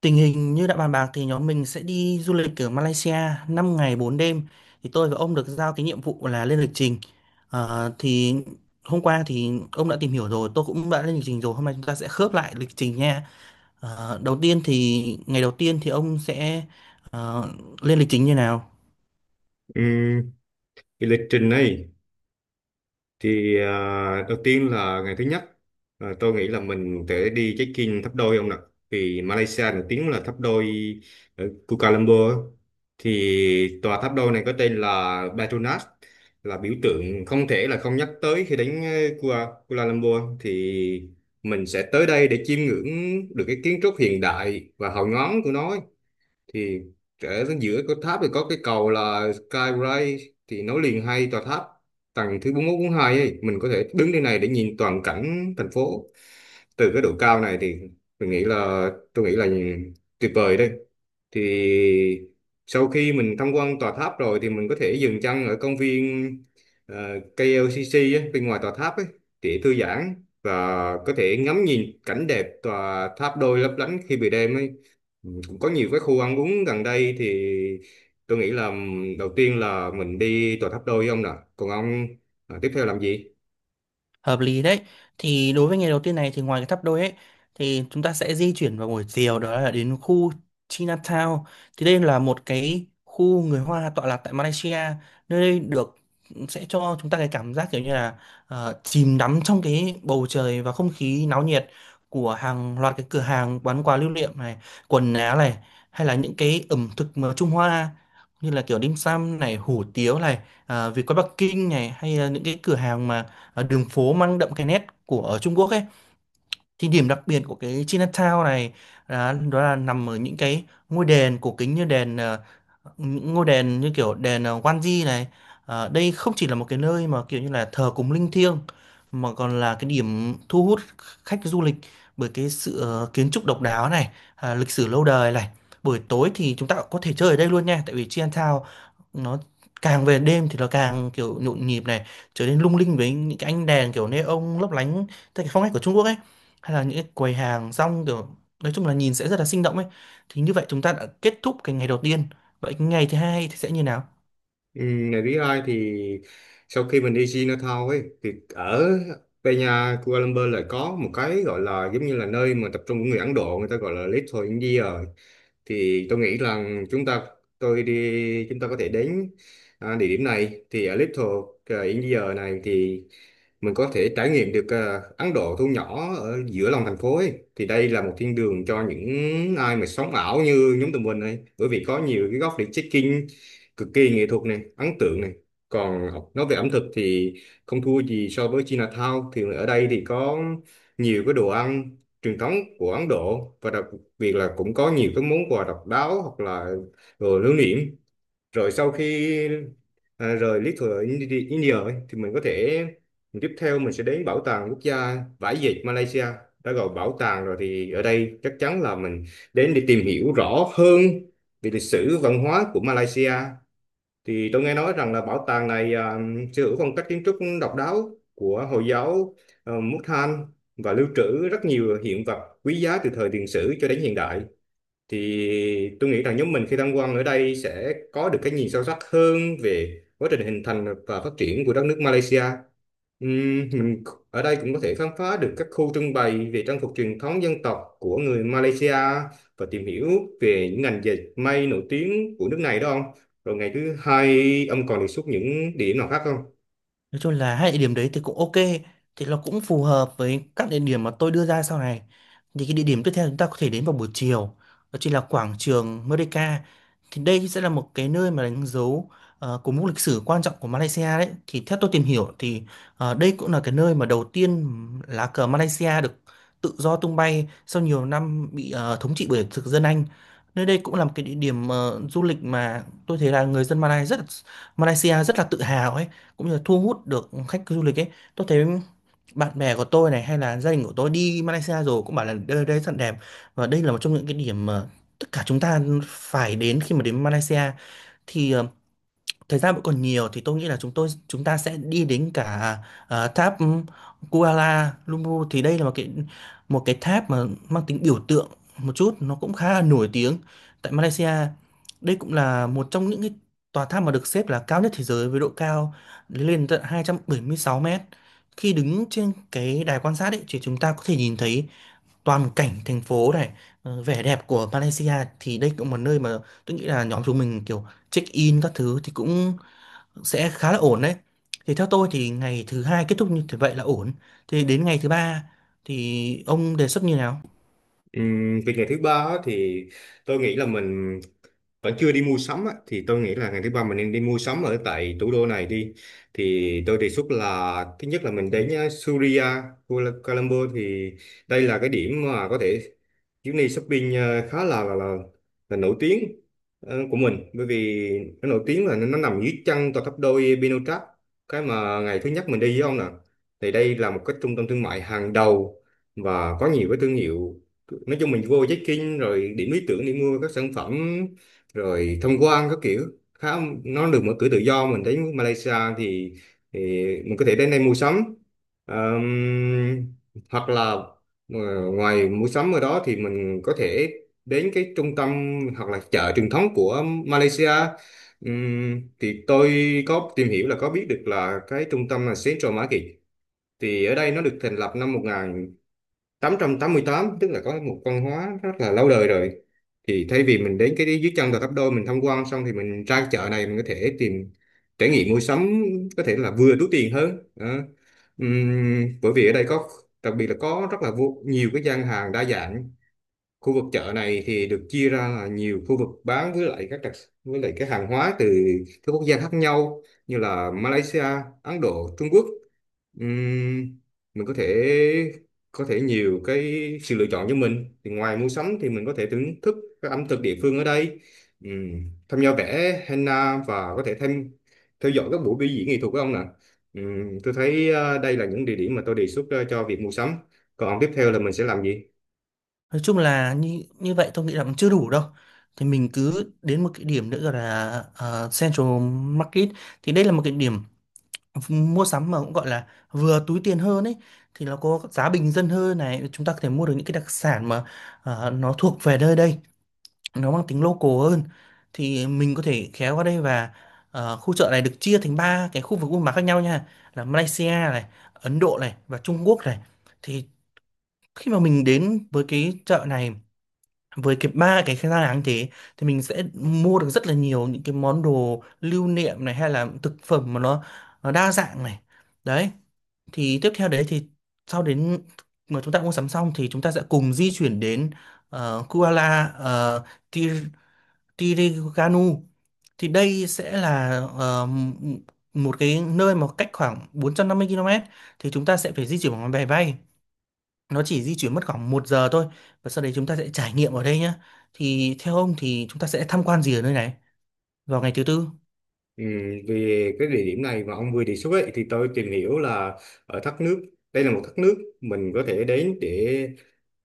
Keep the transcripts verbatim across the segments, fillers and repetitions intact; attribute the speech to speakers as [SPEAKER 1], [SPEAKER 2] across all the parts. [SPEAKER 1] Tình hình như đã bàn bạc thì nhóm mình sẽ đi du lịch ở Malaysia năm ngày bốn đêm. Thì tôi và ông được giao cái nhiệm vụ là lên lịch trình. Ờ, thì hôm qua thì ông đã tìm hiểu rồi, tôi cũng đã lên lịch trình rồi. Hôm nay chúng ta sẽ khớp lại lịch trình nha. Ờ, đầu tiên thì ngày đầu tiên thì ông sẽ ờ, lên lịch trình như nào?
[SPEAKER 2] Ừm, cái lịch trình này thì à, đầu tiên là ngày thứ nhất, à, tôi nghĩ là mình sẽ đi check-in tháp đôi ông ạ, vì Malaysia nổi tiếng là tháp đôi ở Kuala Lumpur á. Thì tòa tháp đôi này có tên là Petronas, là biểu tượng không thể là không nhắc tới khi đến ờ, Kuala, Kuala Lumpur. Thì mình sẽ tới đây để chiêm ngưỡng được cái kiến trúc hiện đại và hào nhoáng của nó. Thì trở giữa cái tháp thì có cái cầu là Skyway, thì nối liền hai tòa tháp. Tầng thứ bốn mươi mốt bốn mươi hai ấy mình có thể đứng trên này để nhìn toàn cảnh thành phố. Từ cái độ cao này thì mình nghĩ là tôi nghĩ là tuyệt vời đây. Thì sau khi mình tham quan tòa tháp rồi thì mình có thể dừng chân ở công viên ờ, ca lờ xê xê ấy, bên ngoài tòa tháp ấy, để thư giãn và có thể ngắm nhìn cảnh đẹp tòa tháp đôi lấp lánh khi bị đêm ấy. Có nhiều cái khu ăn uống gần đây thì tôi nghĩ là đầu tiên là mình đi tòa tháp đôi ông nè. Còn ông, à, tiếp theo làm gì?
[SPEAKER 1] Hợp lý đấy. Thì đối với ngày đầu tiên này thì ngoài cái tháp đôi ấy thì chúng ta sẽ di chuyển vào buổi chiều, đó là đến khu Chinatown. Thì đây là một cái khu người Hoa tọa lạc tại Malaysia. Nơi đây được sẽ cho chúng ta cái cảm giác kiểu như là ờ, chìm đắm trong cái bầu trời và không khí náo nhiệt của hàng loạt cái cửa hàng bán quà lưu niệm này, quần áo này, hay là những cái ẩm thực mà Trung Hoa như là kiểu dim sum này, hủ tiếu này, à, vịt quay Bắc Kinh này, hay là những cái cửa hàng mà ờ, đường phố mang đậm cái nét của ở Trung Quốc ấy. Thì điểm đặc biệt của cái Chinatown này là đó là nằm ở những cái ngôi đền cổ kính, như đền ờ, những ngôi đền như kiểu đền ờ, Wanji này. Ờ, đây không chỉ là một cái nơi mà kiểu như là thờ cúng linh thiêng, mà còn là cái điểm thu hút khách du lịch bởi cái sự ờ, kiến trúc độc đáo này, à, lịch sử lâu đời này. Buổi tối thì chúng ta cũng có thể chơi ở đây luôn nha, tại vì Chinatown nó càng về đêm thì nó càng kiểu nhộn nhịp này, trở nên lung linh với những cái ánh đèn kiểu neon lấp lánh theo cái phong cách của Trung Quốc ấy, hay là những cái quầy hàng rong kiểu nói chung là nhìn sẽ rất là sinh động ấy. Thì như vậy chúng ta đã kết thúc cái ngày đầu tiên. Vậy cái ngày thứ hai thì sẽ như nào?
[SPEAKER 2] Ừm, ngày thứ hai thì sau khi mình đi Chinatown ấy thì ở Peña Kuala Lumpur lại có một cái gọi là giống như là nơi mà tập trung của người Ấn Độ, người ta gọi là Little India. Thì tôi nghĩ rằng chúng ta tôi đi chúng ta có thể đến à, địa điểm này. Thì ở Little ờ, India này thì mình có thể trải nghiệm được ờ, Ấn Độ thu nhỏ ở giữa lòng thành phố ấy. Thì đây là một thiên đường cho những ai mà sống ảo như nhóm tụi mình ấy. Bởi vì có nhiều cái góc để check-in cực kỳ nghệ thuật này, ấn tượng này. Còn nói về ẩm thực thì không thua gì so với Chinatown. Thì ở đây thì có nhiều cái đồ ăn truyền thống của Ấn Độ, và đặc biệt là cũng có nhiều cái món quà độc đáo hoặc là đồ lưu niệm. Rồi sau khi à, rời lý thừa Indi- India ấy, thì mình có thể tiếp theo mình sẽ đến bảo tàng quốc gia vải dệt Malaysia. Đã gọi bảo tàng rồi thì ở đây chắc chắn là mình đến để tìm hiểu rõ hơn về lịch sử văn hóa của Malaysia. Thì tôi nghe nói rằng là bảo tàng này à, sở hữu phong cách kiến trúc độc đáo của Hồi giáo uh, Mukhan, và lưu trữ rất nhiều hiện vật quý giá từ thời tiền sử cho đến hiện đại. Thì tôi nghĩ rằng nhóm mình khi tham quan ở đây sẽ có được cái nhìn sâu sắc hơn về quá trình hình thành và phát triển của đất nước Malaysia. Ừm, mình ở đây cũng có thể khám phá được các khu trưng bày về trang phục truyền thống dân tộc của người Malaysia, và tìm hiểu về những ngành dệt may nổi tiếng của nước này đó ông. Rồi ngày thứ hai ông còn đề xuất những điểm nào khác không?
[SPEAKER 1] Nói chung là hai địa điểm đấy thì cũng ok, thì nó cũng phù hợp với các địa điểm mà tôi đưa ra sau này. Thì cái địa điểm tiếp theo chúng ta có thể đến vào buổi chiều đó chính là quảng trường Merdeka. Thì đây sẽ là một cái nơi mà đánh dấu uh, của mốc lịch sử quan trọng của Malaysia đấy. Thì theo tôi tìm hiểu thì ờ, đây cũng là cái nơi mà đầu tiên lá cờ Malaysia được tự do tung bay sau nhiều năm bị ờ, thống trị bởi thực dân Anh. Nơi đây cũng là một cái địa điểm ờ, du lịch mà tôi thấy là người dân Malay rất Malaysia rất là tự hào ấy, cũng như là thu hút được khách du lịch ấy. Tôi thấy bạn bè của tôi này hay là gia đình của tôi đi Malaysia rồi cũng bảo là đây đây rất là đẹp, và đây là một trong những cái điểm mà tất cả chúng ta phải đến khi mà đến Malaysia. Thì ờ, thời gian vẫn còn nhiều thì tôi nghĩ là chúng tôi chúng ta sẽ đi đến cả ờ, tháp Kuala Lumpur. Thì đây là một cái một cái tháp mà mang tính biểu tượng một chút, nó cũng khá là nổi tiếng tại Malaysia. Đây cũng là một trong những cái tòa tháp mà được xếp là cao nhất thế giới, với độ cao lên tận hai trăm bảy mươi sáu mét. Khi đứng trên cái đài quan sát ấy thì chúng ta có thể nhìn thấy toàn cảnh thành phố này, ờ, vẻ đẹp của Malaysia. Thì đây cũng là một nơi mà tôi nghĩ là nhóm chúng mình kiểu check in các thứ thì cũng sẽ khá là ổn đấy. Thì theo tôi thì ngày thứ hai kết thúc như thế vậy là ổn. Thì đến ngày thứ ba thì ông đề xuất như nào?
[SPEAKER 2] Ừm, về ngày thứ ba á, thì tôi nghĩ là mình vẫn chưa đi mua sắm á, thì tôi nghĩ là ngày thứ ba mình nên đi mua sắm ở tại thủ đô này đi. Thì tôi đề xuất là thứ nhất là mình đến uh, Suria Kuala Kuala Lumpur. Thì đây là cái điểm mà có thể chuyến đi shopping uh, khá là là, là, là nổi tiếng ờ, của mình, bởi vì nó nổi tiếng là nó, nó nằm dưới chân tòa tháp đôi Pinochet, cái mà ngày thứ nhất mình đi với ông nè. Thì đây là một cái trung tâm thương mại hàng đầu và có nhiều cái thương hiệu, nói chung mình vô check-in rồi, điểm lý tưởng đi mua các sản phẩm rồi tham quan các kiểu. Khá nó được mở cửa tự do mình đến Malaysia thì, thì mình có thể đến đây mua sắm. Ờm, hoặc là ờ, ngoài mua sắm ở đó thì mình có thể đến cái trung tâm hoặc là chợ truyền thống của Malaysia. Ừm, thì tôi có tìm hiểu là có biết được là cái trung tâm là Central Market. Thì ở đây nó được thành lập năm mười tám tám mươi tám tức là có một văn hóa rất là lâu đời rồi. Thì thay vì mình đến cái dưới chân Gò Tháp Đôi mình tham quan xong thì mình ra chợ này mình có thể tìm trải nghiệm mua sắm, có thể là vừa túi tiền hơn đó. Ừm, bởi vì ở đây có đặc biệt là có rất là vô, nhiều cái gian hàng đa dạng. Khu vực chợ này thì được chia ra là nhiều khu vực bán với lại các đặc với lại cái hàng hóa từ các quốc gia khác nhau, như là Malaysia, Ấn Độ, Trung Quốc. Ừm, mình có thể có thể nhiều cái sự lựa chọn cho mình. Thì ngoài mua sắm thì mình có thể thưởng thức các ẩm thực địa phương ở đây, Ừm, tham gia vẽ henna và có thể thêm theo dõi các buổi biểu diễn nghệ thuật của ông ạ. Ừm, tôi thấy ờ, đây là những địa điểm mà tôi đề xuất ờ, cho việc mua sắm. Còn tiếp theo là mình sẽ làm gì?
[SPEAKER 1] Nói chung là như như vậy tôi nghĩ là cũng chưa đủ đâu. Thì mình cứ đến một cái điểm nữa gọi là ờ, Central Market. Thì đây là một cái điểm mua sắm mà cũng gọi là vừa túi tiền hơn ấy. Thì nó có giá bình dân hơn này, chúng ta có thể mua được những cái đặc sản mà ờ, nó thuộc về nơi đây, nó mang tính local hơn. Thì mình có thể khéo qua đây, và ờ, khu chợ này được chia thành ba cái khu vực buôn bán khác nhau nha, là Malaysia này, Ấn Độ này và Trung Quốc này. Thì khi mà mình đến với cái chợ này, với cái ba cái gian hàng thế, thì mình sẽ mua được rất là nhiều những cái món đồ lưu niệm này, hay là thực phẩm mà nó nó đa dạng này đấy. Thì tiếp theo đấy thì sau đến mà chúng ta mua sắm xong thì chúng ta sẽ cùng di chuyển đến ờ, Kuala uh, Tiriganu. Thì đây sẽ là ờ, m- một cái nơi mà cách khoảng bốn trăm năm mươi ki lô mét, thì chúng ta sẽ phải di chuyển bằng máy bay, nó chỉ di chuyển mất khoảng một giờ thôi, và sau đấy chúng ta sẽ trải nghiệm ở đây nhá. Thì theo ông thì chúng ta sẽ tham quan gì ở nơi này vào ngày thứ tư?
[SPEAKER 2] Ừ, về cái địa điểm này mà ông vừa đề xuất ấy, thì tôi tìm hiểu là ở thác nước, đây là một thác nước mình có thể đến để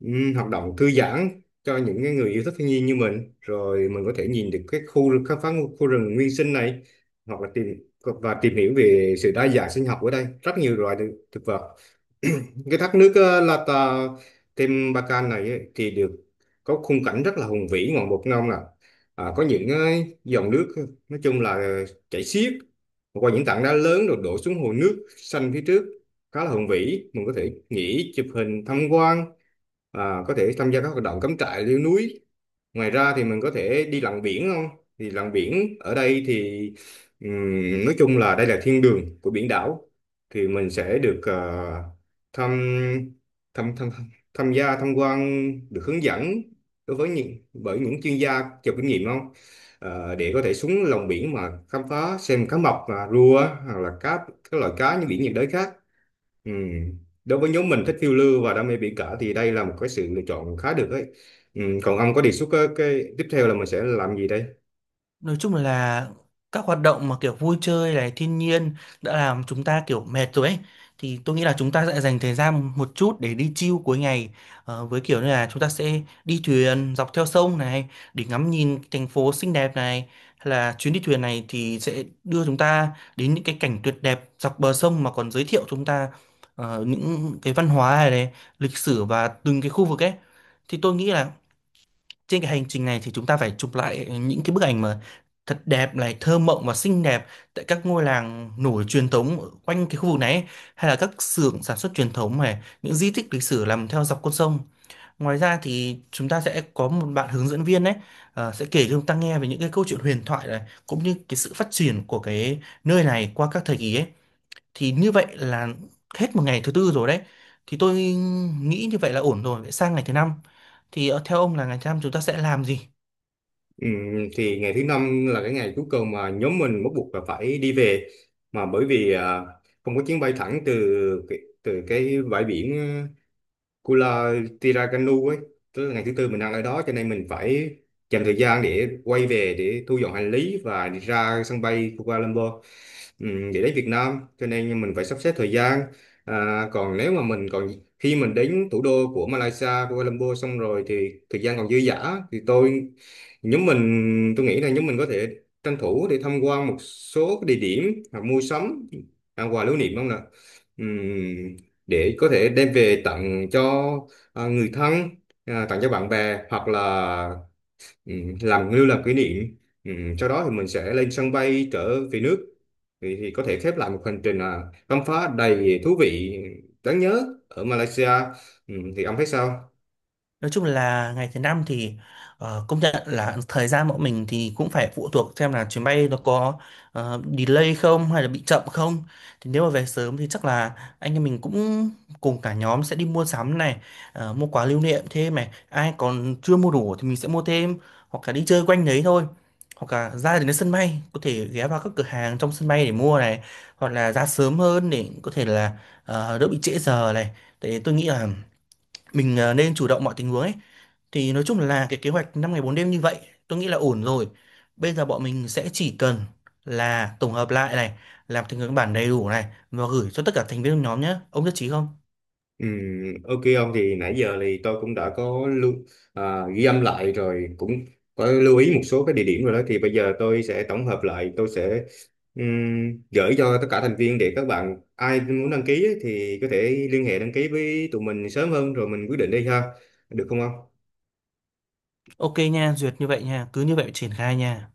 [SPEAKER 2] ừm, hoạt động thư giãn cho những cái người yêu thích thiên nhiên như mình, rồi mình có thể nhìn được cái khu khám phá khu khu rừng nguyên sinh này, hoặc là tìm và tìm hiểu về sự đa dạng sinh học ở đây, rất nhiều loài thực thực vật. Cái thác nước ờ, La Ta Tem Bacan này ấy, thì được có khung cảnh rất là hùng vĩ ngoạn mục non nè. à, có những ờ, dòng nước ờ, nói chung là chảy xiết qua những tảng đá lớn rồi đổ xuống hồ nước xanh phía trước, khá là hùng vĩ. Mình có thể nghỉ chụp hình tham quan, à, có thể tham gia các hoạt động cắm trại leo núi. Ngoài ra thì mình có thể đi lặn biển không? Thì lặn biển ở đây thì ừm, nói chung là đây là thiên đường của biển đảo. Thì mình sẽ được ờ, thăm, thăm thăm tham gia tham quan, được hướng dẫn đối với những bởi những chuyên gia giàu kinh nghiệm không? Ờ, để có thể xuống lòng biển mà khám phá xem cá mập, à, rùa, hoặc là cá các loại cá như biển nhiệt đới khác. Ừ. Đối với nhóm mình thích phiêu lưu và đam mê biển cả thì đây là một cái sự lựa chọn khá được đấy. Ừ. Còn ông có đề xuất cái, cái tiếp theo là mình sẽ làm gì đây?
[SPEAKER 1] Nói chung là các hoạt động mà kiểu vui chơi này, thiên nhiên đã làm chúng ta kiểu mệt rồi ấy. Thì tôi nghĩ là chúng ta sẽ dành thời gian một chút để đi chill cuối ngày. Ờ, với kiểu như là chúng ta sẽ đi thuyền dọc theo sông này để ngắm nhìn thành phố xinh đẹp này. Hay là chuyến đi thuyền này thì sẽ đưa chúng ta đến những cái cảnh tuyệt đẹp dọc bờ sông, mà còn giới thiệu chúng ta ờ, những cái văn hóa này, này, lịch sử và từng cái khu vực ấy. Thì tôi nghĩ là trên cái hành trình này thì chúng ta phải chụp lại những cái bức ảnh mà thật đẹp này, thơ mộng và xinh đẹp tại các ngôi làng nổi truyền thống ở quanh cái khu vực này ấy, hay là các xưởng sản xuất truyền thống này, những di tích lịch sử nằm theo dọc con sông. Ngoài ra thì chúng ta sẽ có một bạn hướng dẫn viên đấy, ờ, sẽ kể cho chúng ta nghe về những cái câu chuyện huyền thoại này, cũng như cái sự phát triển của cái nơi này qua các thời kỳ ấy. Thì như vậy là hết một ngày thứ tư rồi đấy. Thì tôi nghĩ như vậy là ổn rồi. Vậy sang ngày thứ năm thì ờ, theo ông là ngày thứ năm chúng ta sẽ làm gì?
[SPEAKER 2] Ừ. Thì ngày thứ năm là cái ngày cuối cùng mà nhóm mình bắt buộc là phải đi về, mà bởi vì à, không có chuyến bay thẳng từ cái- từ cái bãi biển Kula Tirakanu ấy, tức là ngày thứ tư mình đang ở đó, cho nên mình phải dành thời gian để quay về để thu dọn hành lý và đi ra sân bay Kuala Lumpur, ừm, để đến Việt Nam, cho nên mình phải sắp xếp thời gian. à, còn nếu mà mình còn khi mình đến thủ đô của Malaysia Kuala Lumpur xong rồi thì thời gian còn dư dả thì tôi nhóm mình tôi nghĩ là nhóm mình có thể tranh thủ để tham quan một số cái địa điểm hoặc mua sắm ăn quà lưu niệm không nè, để có thể đem về tặng cho à, người thân, à, tặng cho bạn bè hoặc là ừm, làm lưu làm kỷ niệm. Ừm, sau đó thì mình sẽ lên sân bay trở về nước, thì, thì có thể khép lại một hành trình à, khám phá đầy thú vị, đáng nhớ ở Malaysia. Ừm, thì ông thấy sao?
[SPEAKER 1] Nói chung là ngày thứ năm thì ờ, công nhận là thời gian bọn mình thì cũng phải phụ thuộc xem là chuyến bay nó có ờ, delay không hay là bị chậm không. Thì nếu mà về sớm thì chắc là anh em mình cũng cùng cả nhóm sẽ đi mua sắm này, ờ, mua quà lưu niệm thêm này. Ai còn chưa mua đủ thì mình sẽ mua thêm, hoặc là đi chơi quanh đấy thôi. Hoặc là ra đến sân bay có thể ghé vào các cửa hàng trong sân bay để mua này, hoặc là ra sớm hơn để có thể là ờ, đỡ bị trễ giờ này. Tại tôi nghĩ là mình ờ, nên chủ động mọi tình huống ấy. Thì nói chung là cái kế hoạch năm ngày bốn đêm như vậy tôi nghĩ là ổn rồi. Bây giờ bọn mình sẽ chỉ cần là tổng hợp lại này, làm thành cái bản đầy đủ này, và gửi cho tất cả thành viên trong nhóm nhé. Ông nhất trí không?
[SPEAKER 2] Ừ, ok ông, thì nãy giờ thì tôi cũng đã có lưu, à, ghi âm lại, rồi cũng có lưu ý một số cái địa điểm rồi đó. Thì bây giờ tôi sẽ tổng hợp lại, tôi sẽ ừm, gửi cho tất cả thành viên, để các bạn ai muốn đăng ký ấy, thì có thể liên hệ đăng ký với tụi mình sớm hơn, rồi mình quyết định đi ha, được không ông?
[SPEAKER 1] Ok nha, duyệt như vậy nha, cứ như vậy triển khai nha.